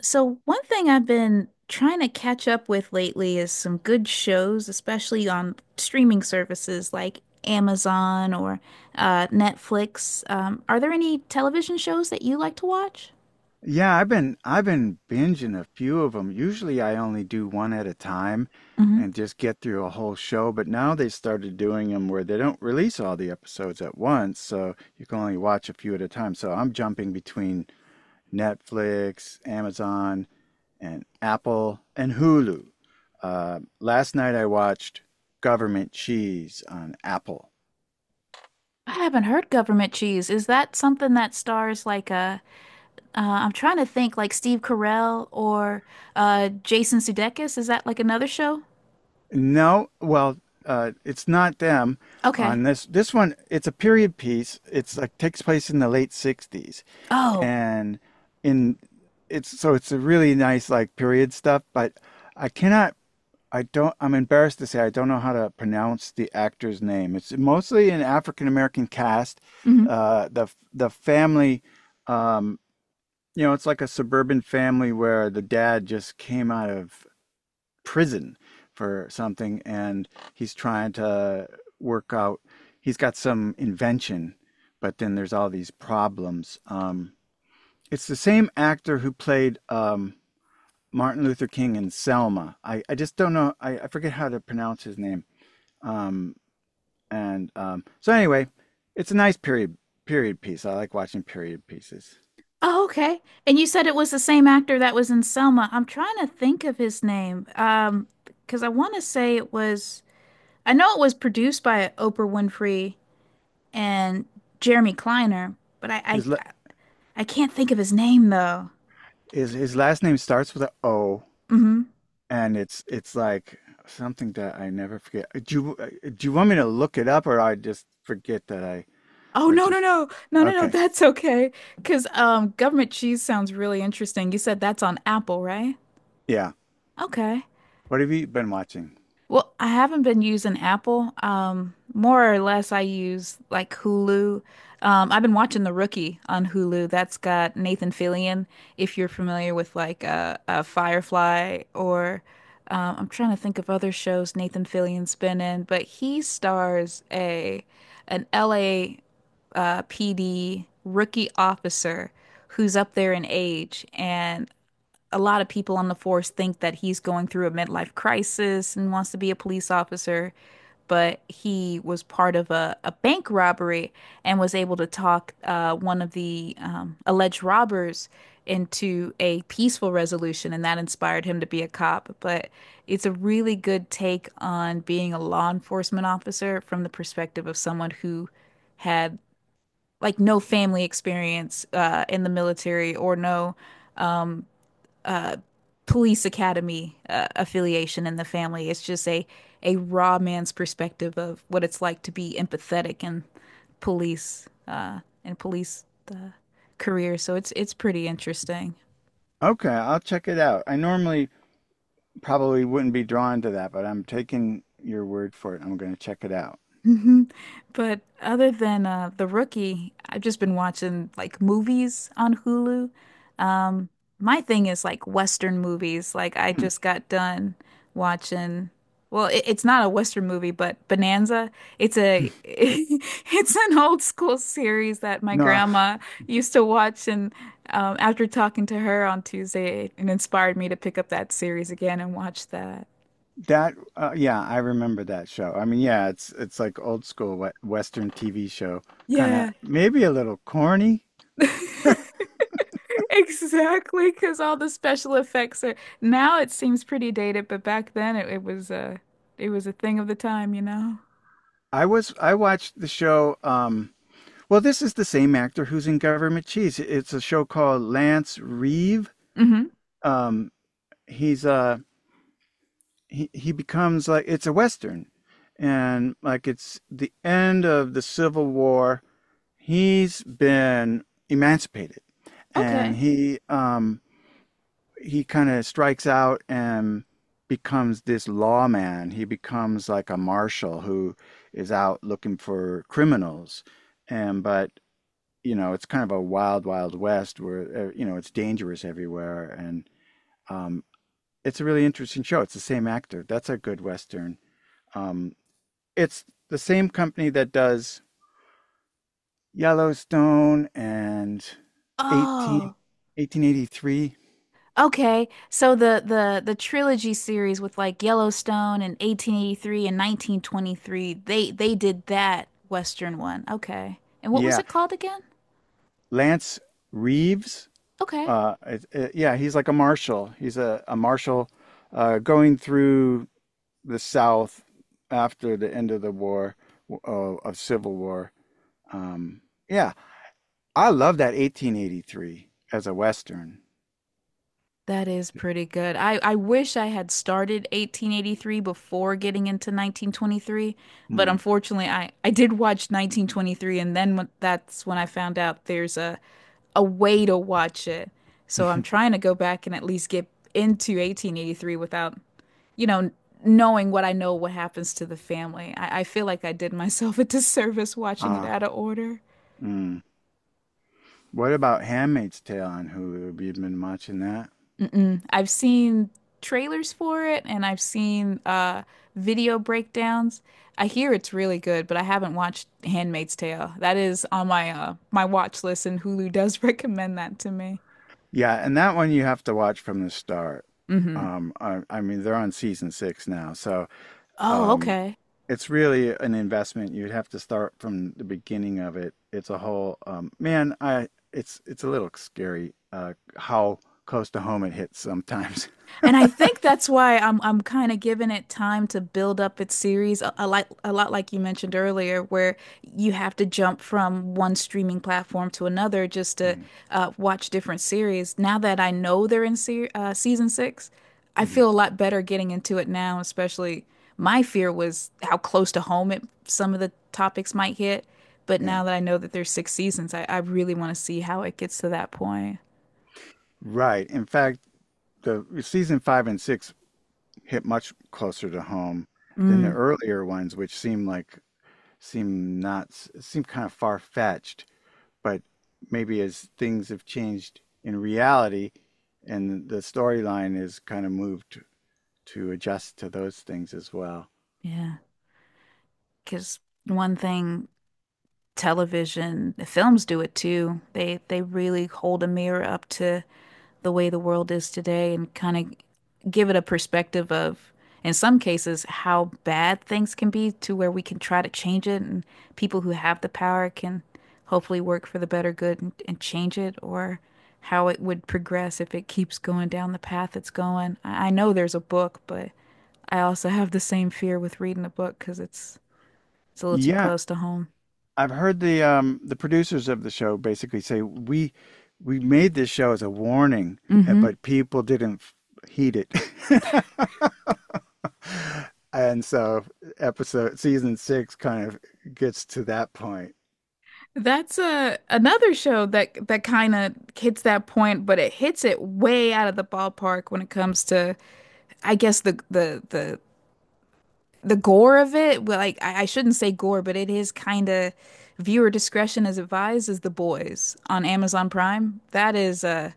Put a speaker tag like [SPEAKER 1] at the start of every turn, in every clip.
[SPEAKER 1] So, one thing I've been trying to catch up with lately is some good shows, especially on streaming services like Amazon or Netflix. Are there any television shows that you like to watch?
[SPEAKER 2] Yeah, I've been binging a few of them. Usually I only do one at a time
[SPEAKER 1] Hmm.
[SPEAKER 2] and just get through a whole show, but now they started doing them where they don't release all the episodes at once, so you can only watch a few at a time. So I'm jumping between Netflix, Amazon, and Apple and Hulu. Last night I watched Government Cheese on Apple.
[SPEAKER 1] I haven't heard Government Cheese. Is that something that stars like I'm trying to think, like Steve Carell or Jason Sudeikis? Is that like another show?
[SPEAKER 2] No, well, it's not them
[SPEAKER 1] Okay.
[SPEAKER 2] on this. This one, it's a period piece. It's like takes place in the late 60s
[SPEAKER 1] Oh.
[SPEAKER 2] and in it's a really nice like period stuff, but I cannot I don't I'm embarrassed to say I don't know how to pronounce the actor's name. It's mostly an African American cast. Uh, the the family um it's like a suburban family where the dad just came out of prison for something, and he's trying to work out. He's got some invention, but then there's all these problems. It's the same actor who played Martin Luther King in Selma. I just don't know. I forget how to pronounce his name. Um, and so anyway, it's a nice period piece. I like watching period pieces.
[SPEAKER 1] Oh, okay. And you said it was the same actor that was in Selma. I'm trying to think of his name. Because I want to say it was, I know it was produced by Oprah Winfrey and Jeremy Kleiner, but
[SPEAKER 2] His
[SPEAKER 1] I can't think of his name though.
[SPEAKER 2] his last name starts with a O,
[SPEAKER 1] Hmm.
[SPEAKER 2] and it's like something that I never forget. Do you want me to look it up, or I just forget that I
[SPEAKER 1] Oh,
[SPEAKER 2] or
[SPEAKER 1] no, no,
[SPEAKER 2] just
[SPEAKER 1] no, no, no, no,
[SPEAKER 2] okay?
[SPEAKER 1] that's okay. Because Government Cheese sounds really interesting. You said that's on Apple, right?
[SPEAKER 2] Yeah.
[SPEAKER 1] Okay.
[SPEAKER 2] What have you been watching?
[SPEAKER 1] Well, I haven't been using Apple. More or less, I use like Hulu. I've been watching The Rookie on Hulu. That's got Nathan Fillion, if you're familiar with like Firefly, or I'm trying to think of other shows Nathan Fillion's been in, but he stars a an LA PD rookie officer who's up there in age, and a lot of people on the force think that he's going through a midlife crisis and wants to be a police officer, but he was part of a bank robbery and was able to talk one of the alleged robbers into a peaceful resolution, and that inspired him to be a cop. But it's a really good take on being a law enforcement officer from the perspective of someone who had like no family experience in the military, or no uh, police academy affiliation in the family. It's just a raw man's perspective of what it's like to be empathetic in police and police uh, career. So it's pretty interesting.
[SPEAKER 2] Okay, I'll check it out. I normally probably wouldn't be drawn to that, but I'm taking your word for it. I'm going to check it out.
[SPEAKER 1] Mhm. But other than The Rookie, I've just been watching like movies on Hulu. Um, my thing is like Western movies. Like I
[SPEAKER 2] Hmm.
[SPEAKER 1] just got done watching. Well, it's not a Western movie, but Bonanza. It's a it's an old school series that my
[SPEAKER 2] No, I,
[SPEAKER 1] grandma used to watch, and after talking to her on Tuesday, it inspired me to pick up that series again and watch that.
[SPEAKER 2] that yeah, I remember that show. I mean, yeah, it's like old school Western TV show, kind of
[SPEAKER 1] Yeah.
[SPEAKER 2] maybe a little corny.
[SPEAKER 1] Exactly, because all the special effects are now, it seems pretty dated, but back then it was a thing of the time, you know?
[SPEAKER 2] I watched the show. Well, this is the same actor who's in Government Cheese. It's a show called Lance Reeve.
[SPEAKER 1] Hmm.
[SPEAKER 2] Um, he's uh he becomes like it's a western, and like it's the end of the Civil War. He's been emancipated, and
[SPEAKER 1] Okay.
[SPEAKER 2] he kind of strikes out and becomes this lawman. He becomes like a marshal who is out looking for criminals, and but you know, it's kind of a wild, wild west where, you know, it's dangerous everywhere. And um, it's a really interesting show. It's the same actor. That's a good Western. Um, it's the same company that does Yellowstone and 18,
[SPEAKER 1] Oh,
[SPEAKER 2] 1883.
[SPEAKER 1] okay. So the trilogy series with like Yellowstone and 1883 and 1923, they did that Western one. Okay. And what was
[SPEAKER 2] Yeah.
[SPEAKER 1] it called again?
[SPEAKER 2] Lance Reeves.
[SPEAKER 1] Okay.
[SPEAKER 2] Yeah, he's like a marshal. He's a marshal going through the South after the end of the war, uh, of Civil War. Um, yeah, I love that 1883 as a Western.
[SPEAKER 1] That is pretty good. I wish I had started 1883 before getting into 1923, but
[SPEAKER 2] Hmm.
[SPEAKER 1] unfortunately, I did watch 1923, and that's when I found out there's a way to watch it. So I'm trying to go back and at least get into 1883 without, you know, knowing what I know what happens to the family. I feel like I did myself a disservice watching it
[SPEAKER 2] ah,
[SPEAKER 1] out of order.
[SPEAKER 2] mm. What about Handmaid's Tale on Hulu? Have you been watching that?
[SPEAKER 1] Mm-mm. I've seen trailers for it, and I've seen video breakdowns. I hear it's really good, but I haven't watched Handmaid's Tale. That is on my my watch list, and Hulu does recommend that to me.
[SPEAKER 2] Yeah, and that one you have to watch from the start.
[SPEAKER 1] Hmm.
[SPEAKER 2] I mean, they're on season six now, so
[SPEAKER 1] Oh,
[SPEAKER 2] um,
[SPEAKER 1] okay.
[SPEAKER 2] it's really an investment. You'd have to start from the beginning of it. It's a whole man. I It's a little scary how close to home it hits sometimes.
[SPEAKER 1] And I think that's why I'm kind of giving it time to build up its series a lot like you mentioned earlier, where you have to jump from one streaming platform to another just to
[SPEAKER 2] Mhm,
[SPEAKER 1] watch different series. Now that I know they're in se season six, I
[SPEAKER 2] mhm,
[SPEAKER 1] feel a lot better getting into it now. Especially my fear was how close to home some of the topics might hit, but
[SPEAKER 2] yeah,
[SPEAKER 1] now that I know that there's six seasons, I really want to see how it gets to that point.
[SPEAKER 2] right. In fact, the season five and six hit much closer to home than the
[SPEAKER 1] Mm,
[SPEAKER 2] earlier ones, which seem not seem kind of far fetched. But maybe as things have changed in reality, and the storyline is kind of moved to adjust to those things as well.
[SPEAKER 1] yeah, because one thing. Television, the films do it too. They really hold a mirror up to the way the world is today, and kind of give it a perspective of, in some cases, how bad things can be, to where we can try to change it, and people who have the power can hopefully work for the better good, and change it, or how it would progress if it keeps going down the path it's going. I know there's a book, but I also have the same fear with reading a book, because it's a little too
[SPEAKER 2] Yeah,
[SPEAKER 1] close to home.
[SPEAKER 2] I've heard the producers of the show basically say we made this show as a warning,
[SPEAKER 1] Mm-hmm.
[SPEAKER 2] but people didn't heed it. And so episode season six kind of gets to that point.
[SPEAKER 1] That's a another show that that kind of hits that point, but it hits it way out of the ballpark when it comes to, I guess, the gore of it. Well, like I shouldn't say gore, but it is kind of, viewer discretion is advised. Is The Boys on Amazon Prime?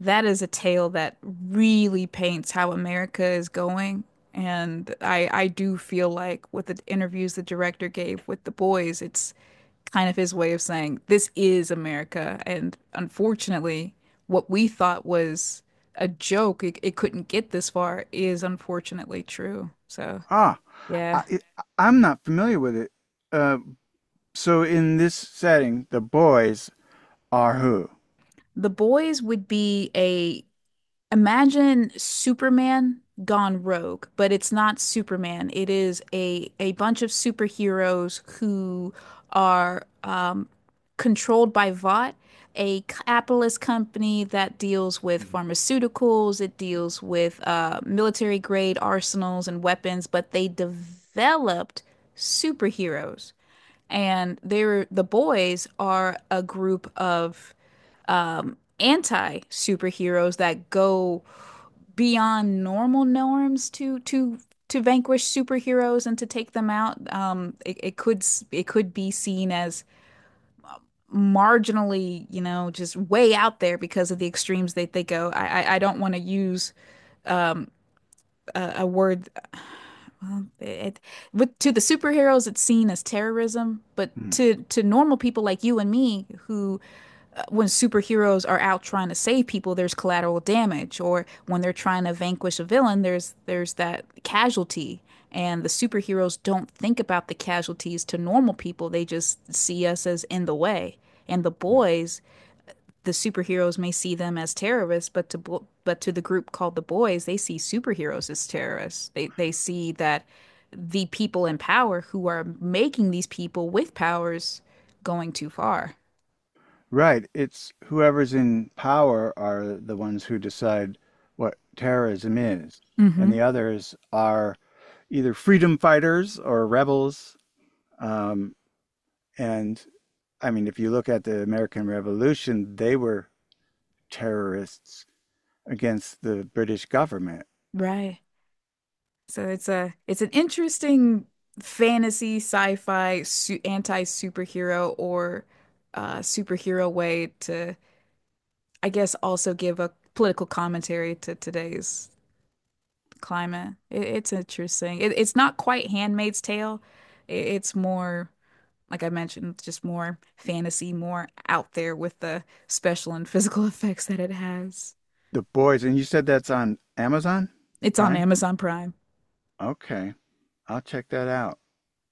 [SPEAKER 1] That is a tale that really paints how America is going. And I do feel like with the interviews the director gave with The Boys, it's kind of his way of saying this is America. And unfortunately, what we thought was a joke, it couldn't get this far, is unfortunately true. So,
[SPEAKER 2] Ah,
[SPEAKER 1] yeah.
[SPEAKER 2] I, I'm not familiar with it. Uh, so in this setting, the boys are who?
[SPEAKER 1] The Boys would be a, imagine Superman gone rogue, but it's not Superman. It is a bunch of superheroes who are controlled by Vought, a capitalist company that deals with pharmaceuticals. It deals with military grade arsenals and weapons, but they developed superheroes, and they're the boys are a group of anti-superheroes that go beyond normal norms to vanquish superheroes and to take them out. It could be seen as marginally, you know, just way out there because of the extremes that they go. I don't want to use a word. Well, it, with to the superheroes, it's seen as terrorism, but
[SPEAKER 2] Hmm.
[SPEAKER 1] to normal people like you and me, who, when superheroes are out trying to save people, there's collateral damage, or when they're trying to vanquish a villain, there's that casualty, and the superheroes don't think about the casualties to normal people. They just see us as in the way. And the boys, the superheroes may see them as terrorists, but but to the group called the boys, they see superheroes as terrorists. They see that the people in power who are making these people with powers going too far.
[SPEAKER 2] Right. It's whoever's in power are the ones who decide what terrorism is, and
[SPEAKER 1] Mm-hmm.
[SPEAKER 2] the others are either freedom fighters or rebels. Um, and I mean, if you look at the American Revolution, they were terrorists against the British government.
[SPEAKER 1] Right. So it's a it's an interesting fantasy sci-fi su anti-superhero or superhero way to, I guess, also give a political commentary to today's climate. It's interesting. It's not quite Handmaid's Tale. It's more, like I mentioned, just more fantasy, more out there with the special and physical effects that it has.
[SPEAKER 2] The Boys, and you said that's on Amazon
[SPEAKER 1] It's on
[SPEAKER 2] Prime?
[SPEAKER 1] Amazon Prime.
[SPEAKER 2] Okay, I'll check that out.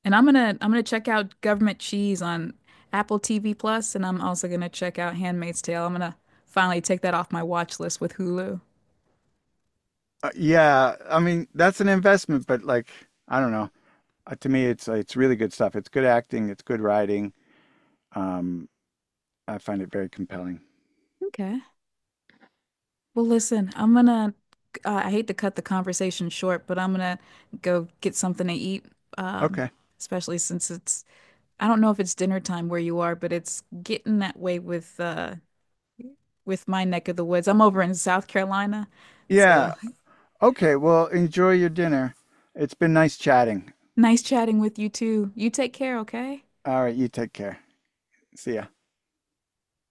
[SPEAKER 1] And I'm gonna check out Government Cheese on Apple TV Plus, and I'm also gonna check out Handmaid's Tale. I'm gonna finally take that off my watch list with Hulu.
[SPEAKER 2] Yeah, I mean, that's an investment, but like, I don't know. To me, it's really good stuff. It's good acting, it's good writing. Um, I find it very compelling.
[SPEAKER 1] Okay. Well, listen, I'm gonna, I hate to cut the conversation short, but I'm gonna go get something to eat. Um,
[SPEAKER 2] Okay.
[SPEAKER 1] Especially since it's, I don't know if it's dinner time where you are, but it's getting that way with my neck of the woods. I'm over in South Carolina, so
[SPEAKER 2] Yeah. Okay. Well, enjoy your dinner. It's been nice chatting.
[SPEAKER 1] nice chatting with you too. You take care, okay?
[SPEAKER 2] All right. You take care. See ya.